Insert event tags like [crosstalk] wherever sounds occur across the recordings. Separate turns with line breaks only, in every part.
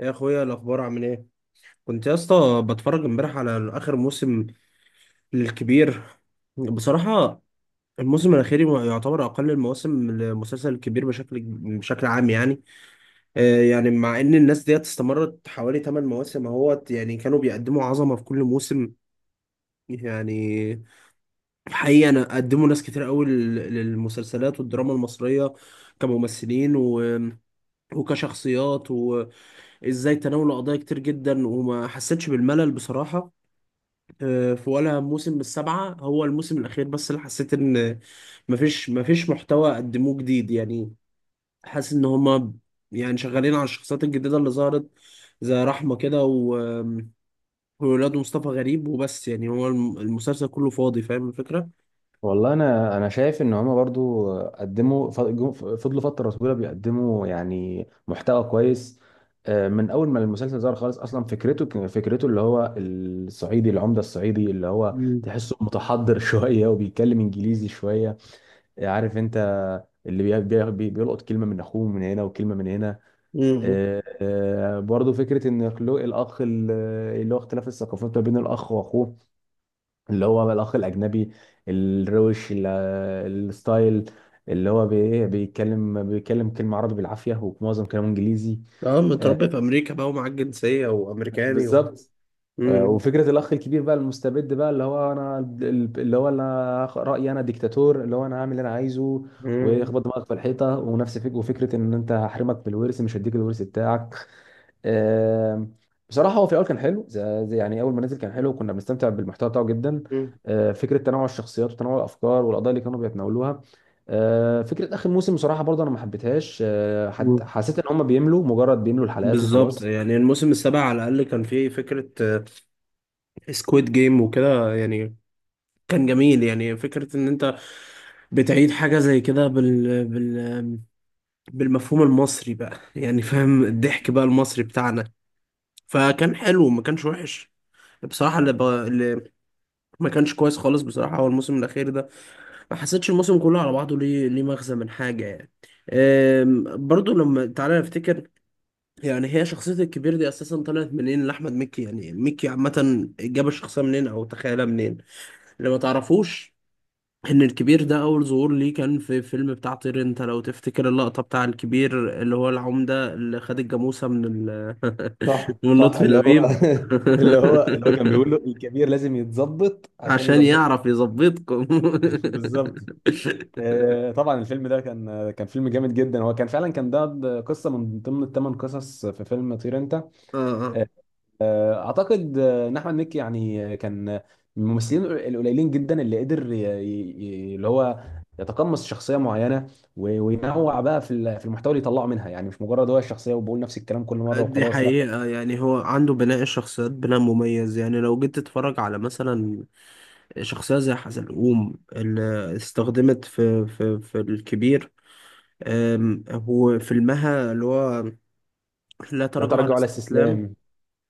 إيه يا اخويا الاخبار عامل ايه؟ كنت يا اسطى بتفرج امبارح على اخر موسم للكبير. بصراحه الموسم الاخير يعتبر اقل المواسم للمسلسل الكبير بشكل بشكل عام يعني. مع ان الناس ديت استمرت حوالي 8 مواسم اهوت، يعني كانوا بيقدموا عظمه في كل موسم يعني. حقيقه انا قدموا ناس كتير قوي للمسلسلات والدراما المصريه كممثلين وكشخصيات، وازاي تناولوا قضايا كتير جدا وما حسيتش بالملل بصراحة. في ولا موسم من السبعة هو الموسم الأخير بس اللي حسيت إن مفيش محتوى قدموه جديد يعني. حاسس إن هما يعني شغالين على الشخصيات الجديدة اللي ظهرت زي رحمة كده وولاد مصطفى غريب وبس، يعني هو المسلسل كله فاضي، فاهم الفكرة؟
والله انا شايف ان هما برضو قدموا فضلوا فتره طويله بيقدموا يعني محتوى كويس. من اول ما المسلسل ظهر خالص اصلا فكرته فكرته اللي هو الصعيدي، العمده الصعيدي اللي هو
مم.
تحسه متحضر [laughs] شويه وبيتكلم انجليزي شويه، عارف انت، اللي بيلقط كلمه من اخوه من هنا وكلمه من هنا.
امم.
برضو فكره ان خلق الاخ اللي هو اختلاف الثقافات ما بين الاخ واخوه، اللي هو الأخ الأجنبي الروش الستايل، اللي هو بي- إيه، بيتكلم كلمة عربي بالعافية ومعظم كلامه إنجليزي.
اه
آه،
متربي في امريكا بقى ومعاك جنسيه وامريكاني و...
بالظبط.
مم.
وفكرة الأخ الكبير بقى المستبد بقى، اللي هو أنا، رأيي أنا ديكتاتور، اللي هو أنا هعمل اللي أنا عايزه،
مم.
واخبط دماغك في الحيطة ونفس فك، وفكرة إن أنت هحرمك من الورث، مش هديك الورث بتاعك. آم، بصراحه هو في الاول كان حلو يعني اول ما نزل كان حلو، وكنا بنستمتع بالمحتوى بتاعه جدا.
مم.
فكره تنوع الشخصيات وتنوع الافكار والقضايا اللي كانوا بيتناولوها. فكره اخر موسم بصراحه برضه انا ما حبيتهاش.
مم.
حسيت ان هم بيملوا، مجرد بيملوا الحلقات
بالظبط،
وخلاص.
يعني الموسم السابع على الاقل كان فيه فكره سكويد جيم وكده، يعني كان جميل. يعني فكرة إن أنت بتعيد حاجة زي كده بالمفهوم المصري بقى، يعني فاهم الضحك بقى المصري بتاعنا. فكان حلو ما كانش وحش بصراحة. اللي ما كانش كويس خالص بصراحة هو الموسم الأخير ده. ما حسيتش الموسم كله على بعضه ليه ليه مغزى من حاجة يعني. برضو لما تعالى نفتكر، يعني هي شخصية الكبير دي أساسا طلعت منين لأحمد مكي؟ يعني مكي عامة جاب الشخصية منين أو تخيلها منين؟ اللي ما تعرفوش ان الكبير ده اول ظهور ليه كان في فيلم بتاع طير انت، لو تفتكر اللقطة بتاع الكبير اللي هو العمدة اللي خد الجاموسة من ال...
صح
[laughs] من
صح،
لطفي
اللي هو
لبيب.
[laughs] اللي هو كان بيقول له
[laughs]
الكبير لازم يتظبط عشان
عشان
يظبطكم.
يعرف يظبطكم.
[laughs]
[laughs]
بالظبط. طبعا الفيلم ده كان فيلم جامد جدا، هو كان فعلا، كان ده قصه من ضمن الثمان قصص في فيلم طير انت.
اه
اعتقد ان احمد مكي يعني كان من الممثلين القليلين جدا اللي قدر اللي هو يتقمص شخصيه معينه، وينوع بقى في المحتوى اللي يطلعه منها، يعني مش مجرد هو الشخصيه وبقول نفس الكلام كل
آه.
مره
دي
وخلاص، لا.
حقيقة، يعني هو عنده بناء الشخصيات بناء مميز. يعني لو جيت تتفرج على مثلا شخصية زي حزلقوم اللي استخدمت في الكبير، هو فيلمها اللي هو لا
لا
تراجع ولا
تراجع ولا
استسلام.
استسلام.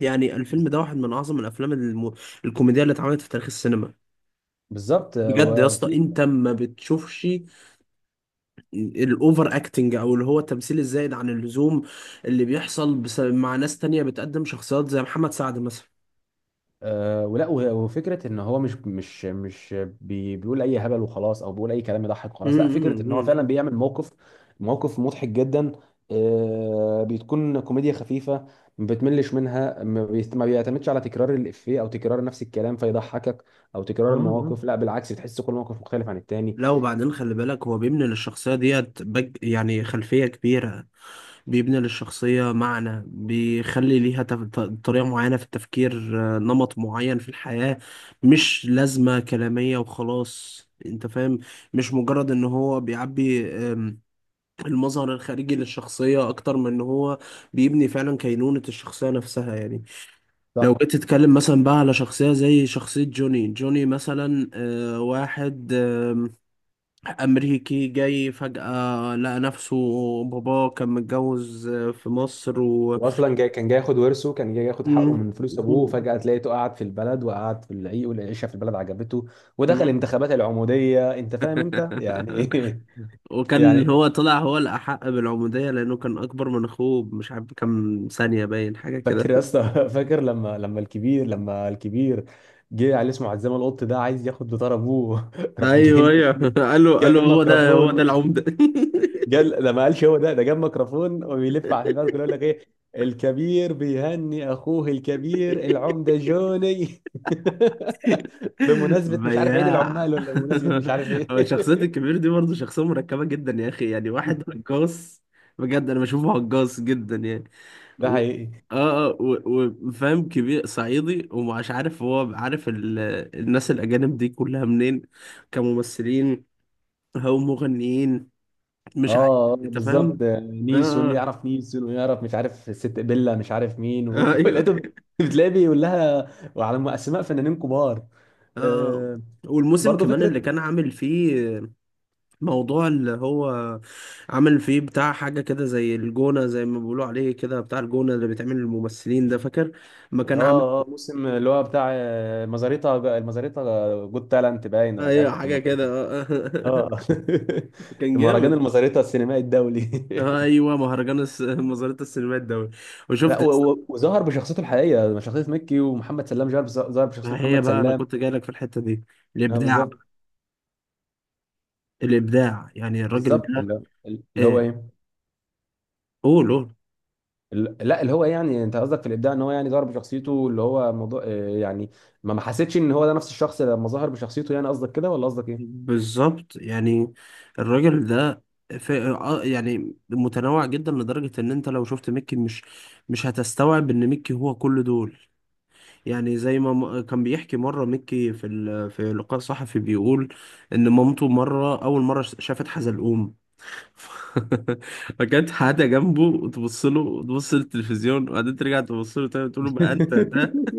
يعني الفيلم ده واحد من اعظم الافلام الكوميديه اللي اتعملت في تاريخ السينما.
بالظبط. آه،
بجد يا اسطى،
وفي
انت ما بتشوفش الاوفر اكتنج او اللي هو التمثيل الزايد عن اللزوم اللي بيحصل مع ناس تانية بتقدم شخصيات زي محمد سعد مثلا.
أه ولا و- وفكره ان هو مش بيقول اي هبل وخلاص، او بيقول اي كلام يضحك وخلاص، لا. فكره ان هو فعلا
امم.
بيعمل موقف مضحك جدا. بتكون كوميديا خفيفه، ما بتملش منها، ما بيعتمدش على تكرار الافيه او تكرار نفس الكلام فيضحكك، او
اه
تكرار
آه.
المواقف، لا بالعكس، بتحس كل موقف مختلف عن التاني.
لا وبعدين خلي بالك هو بيبني للشخصيه ديت يعني خلفيه كبيره. بيبني للشخصية معنى، بيخلي ليها طريقة معينة في التفكير، نمط معين في الحياة. مش لازمة كلامية وخلاص، انت فاهم؟ مش مجرد ان هو بيعبي المظهر الخارجي للشخصية، اكتر من ان هو بيبني فعلا كينونة الشخصية نفسها يعني. لو
صح.
جيت تتكلم مثلا بقى على شخصية زي شخصية جوني، جوني مثلا واحد أمريكي جاي فجأة لقى نفسه باباه كان متجوز في مصر و...
واصلا كان جاي ياخد ورثه، كان جاي ياخد حقه
مم.
من فلوس ابوه، وفجاه تلاقيته قعد في البلد وقعد في العيق، والعيشه في البلد عجبته،
مم.
ودخل انتخابات العموديه، انت فاهم انت يعني
[laughs]
ايه. [laughs]
وكان
يعني،
هو طلع هو الأحق بالعمودية لأنه كان أكبر من أخوه مش عارف كام ثانية، باين حاجة كده.
فاكر يا اسطى [laughs] فاكر لما الكبير جه على اسمه عزام القط ده عايز ياخد بطار ابوه، [laughs] راح جه
أيوه أيوه.
الكبير،
[laughs] قال له قال
جاب
له هو ده، هو ده
ميكروفون،
العمدة. [laughs]
جال ده، ما قالش هو ده جاب ميكروفون وبيلف على البلد كله يقول لك ايه، الكبير بيهني اخوه الكبير العمده جوني، [laughs] بمناسبه مش عارف عيد
بياع.
العمال، ولا بمناسبه مش عارف
[laughs]
ايه.
هو شخصية الكبير دي برضه شخصية مركبة جدا يا أخي، يعني واحد هجاص بجد. أنا بشوفه هجاص جدا يعني.
[laughs] ده
و...
حقيقي.
اه اه. وفاهم كبير صعيدي، ومش عارف هو عارف ال... الناس الأجانب دي كلها منين، كممثلين أو مغنيين،
اه،
مش عارف. أنت
بالظبط،
فاهم؟ اه
نيسون
اه.
يعرف نيسون، ويعرف مش عارف ست بيلا، مش عارف مين
آه،
[laughs]
[laughs] ايوه.
ولقيته بتلاقيه بيقول لها، وعلى اسماء فنانين كبار.
اه آه.
آه،
والموسم
برضه
كمان اللي
فكره.
كان عامل فيه موضوع اللي هو عامل فيه بتاع حاجة كده زي الجونة، زي ما بيقولوا عليه كده، بتاع الجونة اللي بيتعمل للممثلين ده، فاكر؟ ما كان عامل.
اه اه، موسم اللي هو بتاع المزاريطة جود تالنت باين، ولا مش عارف،
ايوه
كانت
حاجة كده.
المزاريطة.
آه.
اه.
[laughs]
[laughs]
كان
مهرجان
جامد.
المزاريطة السينمائي الدولي.
ايوه مهرجان [laughs] مزارات السينمات الدولي.
[laughs] لا،
وشفت يا اسطى،
وظهر بشخصيته الحقيقية، شخصية مكي، ومحمد سلام ظهر ظهر بشخصيته
ما هي
محمد
بقى انا
سلام.
كنت جاي لك في الحته دي.
اه
الابداع بقى.
بالظبط.
الابداع يعني الراجل
بالظبط،
ده.
اللي هو
آه،
ايه،
قول قول.
اللي لا اللي هو ايه، يعني انت قصدك في الابداع ان هو يعني ظهر بشخصيته، اللي هو موضوع، يعني ما حسيتش ان هو ده نفس الشخص لما ظهر بشخصيته، يعني قصدك كده ولا قصدك ايه.
بالظبط، يعني الراجل ده يعني متنوع جدا لدرجه ان انت لو شفت ميكي مش مش هتستوعب ان ميكي هو كل دول. يعني زي ما كان بيحكي مره ميكي في ال... في لقاء صحفي بيقول ان مامته مره اول مره شافت حزلقوم [laughs] فكانت حاجة جنبه، وتبص له تبص للتلفزيون وبعدين ترجع تبص له تاني تقول له ما أنت ده.
[laughs]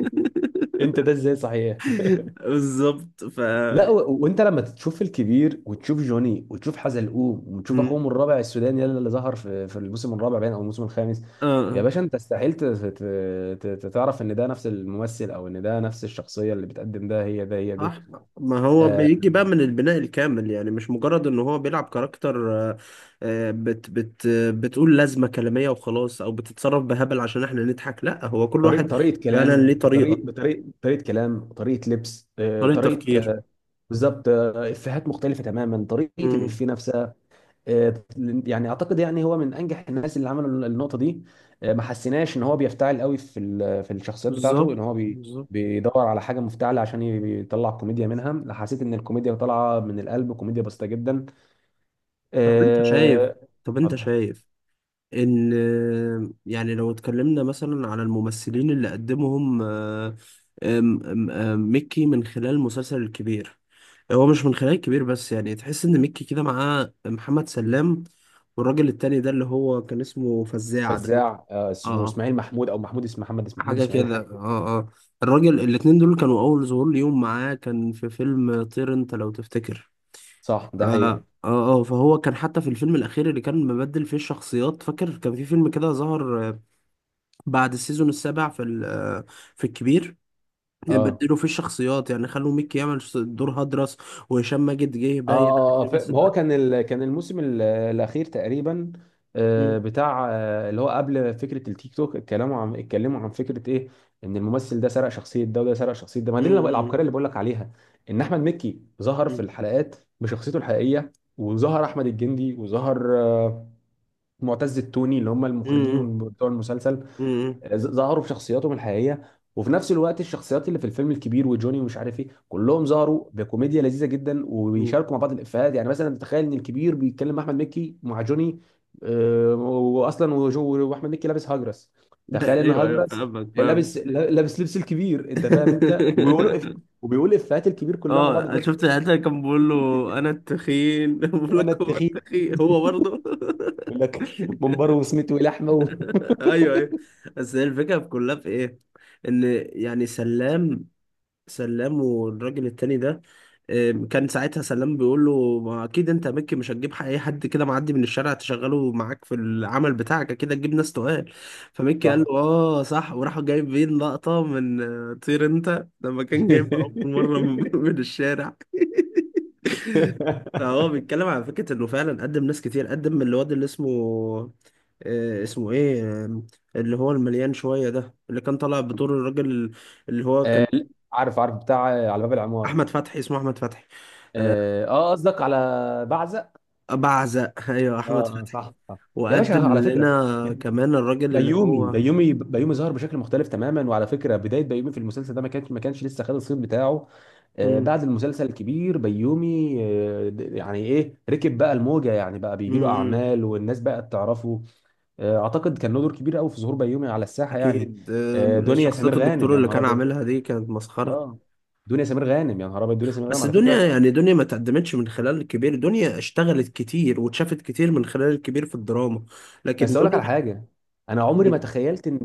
انت ده ازاي، صحيح.
[laughs] بالظبط ف...
لا، وانت لما تشوف الكبير وتشوف جوني وتشوف حزلقوم وتشوف
مم.
اخوهم الرابع السوداني يلا اللي ظهر في الموسم الرابع باين او الموسم الخامس، يا
اه
باشا انت استحيل تعرف ان ده نفس الممثل، او ان ده نفس الشخصيه اللي بتقدم، ده هي دي.
صح. ما هو
آه،
بيجي بقى من البناء الكامل، يعني مش مجرد ان هو بيلعب كاركتر آه، بت بت آه، بتقول لازمة كلامية وخلاص او بتتصرف بهبل عشان احنا نضحك، لا هو كل
طريقه
واحد
طريقه
فعلا
كلام،
ليه طريقة،
بطريقه كلام، وطريقه لبس،
طريقة
طريقه
تفكير.
بالظبط. افيهات مختلفه تماما، طريقه
مم.
الافيه نفسها. آه، يعني اعتقد يعني هو من انجح الناس اللي عملوا النقطه دي. ما حسيناش ان هو بيفتعل قوي في الشخصيات بتاعته، ان
بالظبط
هو بي
بالظبط.
بيدور على حاجه مفتعله عشان يطلع كوميديا منها، لا، حسيت ان الكوميديا طالعه من القلب، كوميديا بسيطه جدا.
طب انت شايف
آه،
طب انت
اتفضل.
شايف ان يعني لو اتكلمنا مثلا على الممثلين اللي قدمهم آه، آم، آم، آم، ميكي من خلال المسلسل الكبير، هو مش من خلال الكبير بس، يعني تحس ان ميكي كده معاه محمد سلام والراجل التاني ده اللي هو كان اسمه فزاع ده.
فزاع، اسمه
اه
اسماعيل محمود، او محمود، اسم محمد، اسم محمود
حاجة
اسماعيل،
كده
حاجه كده.
اه اه. الراجل الاتنين دول كانوا أول ظهور ليهم معاه كان في فيلم طير انت، لو تفتكر.
صح، ده
اه
حقيقي.
اه آه، فهو كان حتى في الفيلم الأخير اللي كان مبدل فيه الشخصيات، فاكر كان في فيلم كده ظهر بعد السيزون السابع في ال... في الكبير
اه
بدلوا فيه الشخصيات. يعني خلوا ميكي يعمل دور هدرس وهشام ماجد جه
اه
باين
اه، ما هو
مثلا.
كان الموسم الاخير تقريبا.
مم.
بتاع اللي هو قبل فكره التيك توك، اتكلموا عن فكره ايه، ان الممثل ده سرق شخصيه ده، وده سرق شخصيه ده، ما دي العبقريه
مم.
اللي بقول لك عليها، ان احمد مكي ظهر في
مم.
الحلقات بشخصيته الحقيقيه، وظهر احمد الجندي، وظهر معتز التوني، اللي هم المخرجين
مم.
بتوع المسلسل،
مم.
ظهروا بشخصياتهم الحقيقيه، وفي نفس الوقت الشخصيات اللي في الفيلم، الكبير وجوني ومش عارف ايه، كلهم ظهروا بكوميديا لذيذه جدا،
مم.
وبيشاركوا مع بعض الافيهات، يعني مثلا تخيل ان الكبير بيتكلم مع احمد مكي مع جوني، واصلا واحمد مكي لابس هاجرس،
[laughs]
تخيل ان
ايوه ايوه
هاجرس
فاهمك فاهمك.
لابس لابس لبس الكبير، انت فاهم انت، وبيقولوا.
[laughs]
وبيقول افيهات الكبير كلها مع
اه
بعض في
أنا
نفس
شفت
الوقت.
الحته اللي كان بيقول له انا التخين. [laughs] بقول
انا
لك هو
التخين.
التخين هو
[laughs]
برضه. [laughs]
يقول لك منبره وسمته لحمه
ايوه ايوه. بس هي الفكره في كلها في ايه؟ ان يعني سلام سلام والراجل التاني ده كان ساعتها سلام بيقول له ما اكيد انت يا مكي مش هتجيب اي حد كده معدي من الشارع تشغله معاك في العمل بتاعك، اكيد هتجيب ناس تقال. فمكي قال له
صح.
اه صح، وراح جايبين لقطة من طير انت لما كان جايب اول مرة من [laughs] من الشارع. [laughs] فهو
[laughs]
بيتكلم على فكرة انه فعلا قدم ناس كتير. قدم الواد اللي اسمه اسمه ايه اللي هو المليان شوية ده اللي كان طالع بدور الراجل اللي هو كان
لا، عارف عارف، بتاع على باب العماره.
احمد فتحي، اسمه احمد فتحي.
اه، قصدك على بعزق.
بعزق ايوه احمد
اه اه،
فتحي.
صح صح، يا باشا
وقدم
على فكره،
لنا كمان الراجل اللي
بيومي
هو...
بيومي بيومي ظهر بشكل مختلف تماما، وعلى فكره بدايه بيومي في المسلسل ده ما كانش لسه خد الصيت بتاعه.
مم.
بعد المسلسل الكبير بيومي يعني ايه، ركب بقى الموجه، يعني بقى
مم.
بيجي له
مم.
اعمال والناس بقت تعرفه. اعتقد كان له دور كبير قوي في ظهور بيومي على الساحه يعني.
اكيد.
دنيا
شخصية
سمير غانم،
الدكتور
يا
اللي
نهار
كان
ابيض.
عاملها دي كانت مسخرة.
اه، دنيا سمير غانم، يا نهار ابيض، دنيا سمير غانم
بس
على فكره.
دنيا يعني دنيا ما تقدمتش من خلال الكبير، دنيا اشتغلت كتير واتشافت كتير من خلال الكبير في الدراما، لكن
بس اقول لك
دنيا...
على حاجه، انا عمري ما
مم.
تخيلت ان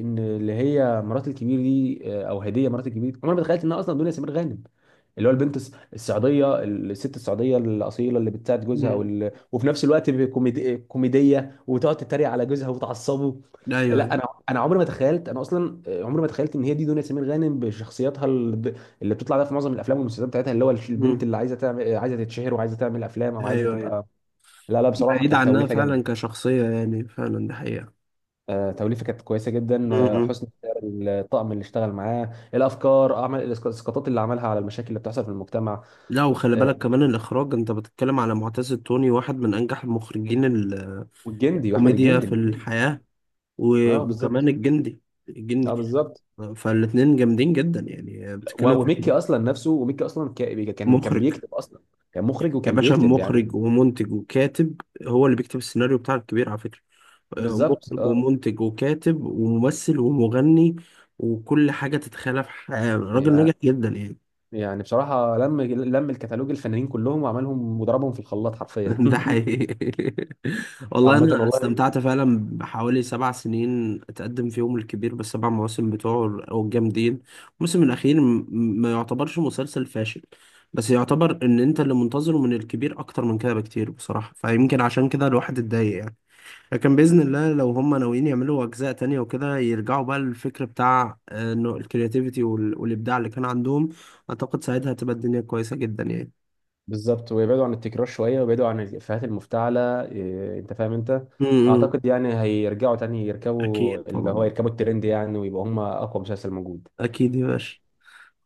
ان اللي هي مرات الكبير دي، او هديه مرات الكبير دي، عمري ما تخيلت انها اصلا دنيا سمير غانم، اللي هو البنت السعوديه، الست السعوديه الاصيله اللي بتساعد جوزها،
مم.
وفي نفس الوقت كوميديه، وتقعد تتريق على جوزها وتعصبه.
ايوه
لا،
ايوه.
انا عمري ما تخيلت انا اصلا، عمري ما تخيلت ان هي دي دنيا سمير غانم بشخصيتها اللي بتطلع بيها في معظم الافلام والمسلسلات بتاعتها، اللي هو البنت
مم.
اللي عايزه تعمل، عايزه تتشهر وعايزه تعمل افلام، او عايزه
ايوه ايوه.
تبقى. لا لا، بصراحه
بعيد
كانت
عنها
توليفه
فعلا
جامده.
كشخصية، يعني فعلا ده حقيقة.
توليفه كانت كويسه جدا،
مم.
حسن اختيار الطقم اللي اشتغل معاه، الافكار، اعمال الاسقاطات اللي عملها على المشاكل اللي بتحصل في المجتمع.
لا وخلي
آه،
بالك كمان الإخراج، أنت بتتكلم على معتز التوني واحد من أنجح المخرجين.
والجندي، واحمد
الكوميديا
الجندي،
في
الاثنين.
الحياة
اه
وكمان
بالظبط.
الجندي،
اه
الجندي.
بالظبط.
فالاتنين جامدين جدا، يعني بتتكلم
وميكي
في
اصلا نفسه، وميكي اصلا كان
مخرج.
بيكتب اصلا، كان مخرج
يا
وكان
باشا
بيكتب يعني.
مخرج ومنتج وكاتب، هو اللي بيكتب السيناريو بتاع الكبير على فكرة.
بالظبط
مخرج
اه.
ومنتج وكاتب وممثل ومغني وكل حاجة تتخيلها في حياة راجل
يع-
ناجح جدا يعني.
يعني بصراحه لم الكتالوج الفنانين كلهم، وعملهم وضربهم في الخلاط حرفيا.
[laughs] ده
[laughs]
حقيقي. [laughs] والله
عامه
انا
والله،
استمتعت فعلا بحوالي 7 سنين اتقدم فيهم الكبير، بالسبع مواسم بتوعه او الجامدين. الموسم الاخير ما يعتبرش مسلسل فاشل، بس يعتبر ان انت اللي منتظره من الكبير اكتر من كده بكتير بصراحة، فيمكن عشان كده الواحد اتضايق يعني. لكن باذن الله لو هم ناويين يعملوا اجزاء تانية وكده، يرجعوا بقى للفكر بتاع انه الكرياتيفيتي والابداع اللي كان عندهم، اعتقد ساعتها هتبقى الدنيا كويسة جدا يعني.
بالظبط، ويبعدوا عن التكرار شويه، ويبعدوا عن الافيهات المفتعله، انت فاهم انت،
امم.
اعتقد يعني هيرجعوا تاني يركبوا،
اكيد
اللي هو
طبعا،
يركبوا الترند يعني، ويبقوا هم اقوى مسلسل موجود.
اكيد يا باشا.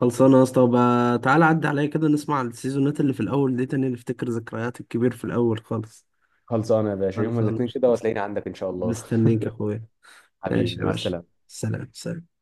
خلصانه يا اسطى، وبقى تعالى عدي عليا كده نسمع السيزونات اللي في الاول دي تاني، نفتكر ذكريات الكبير في الاول خالص.
خلصانه يا باشا، يوم
خلصانه.
الاثنين كده وتلاقيني عندك ان شاء الله.
مستنيك يا اخويا.
[laughs]
ماشي
حبيبي
يا
مع
باشا،
السلامه.
سلام سلام.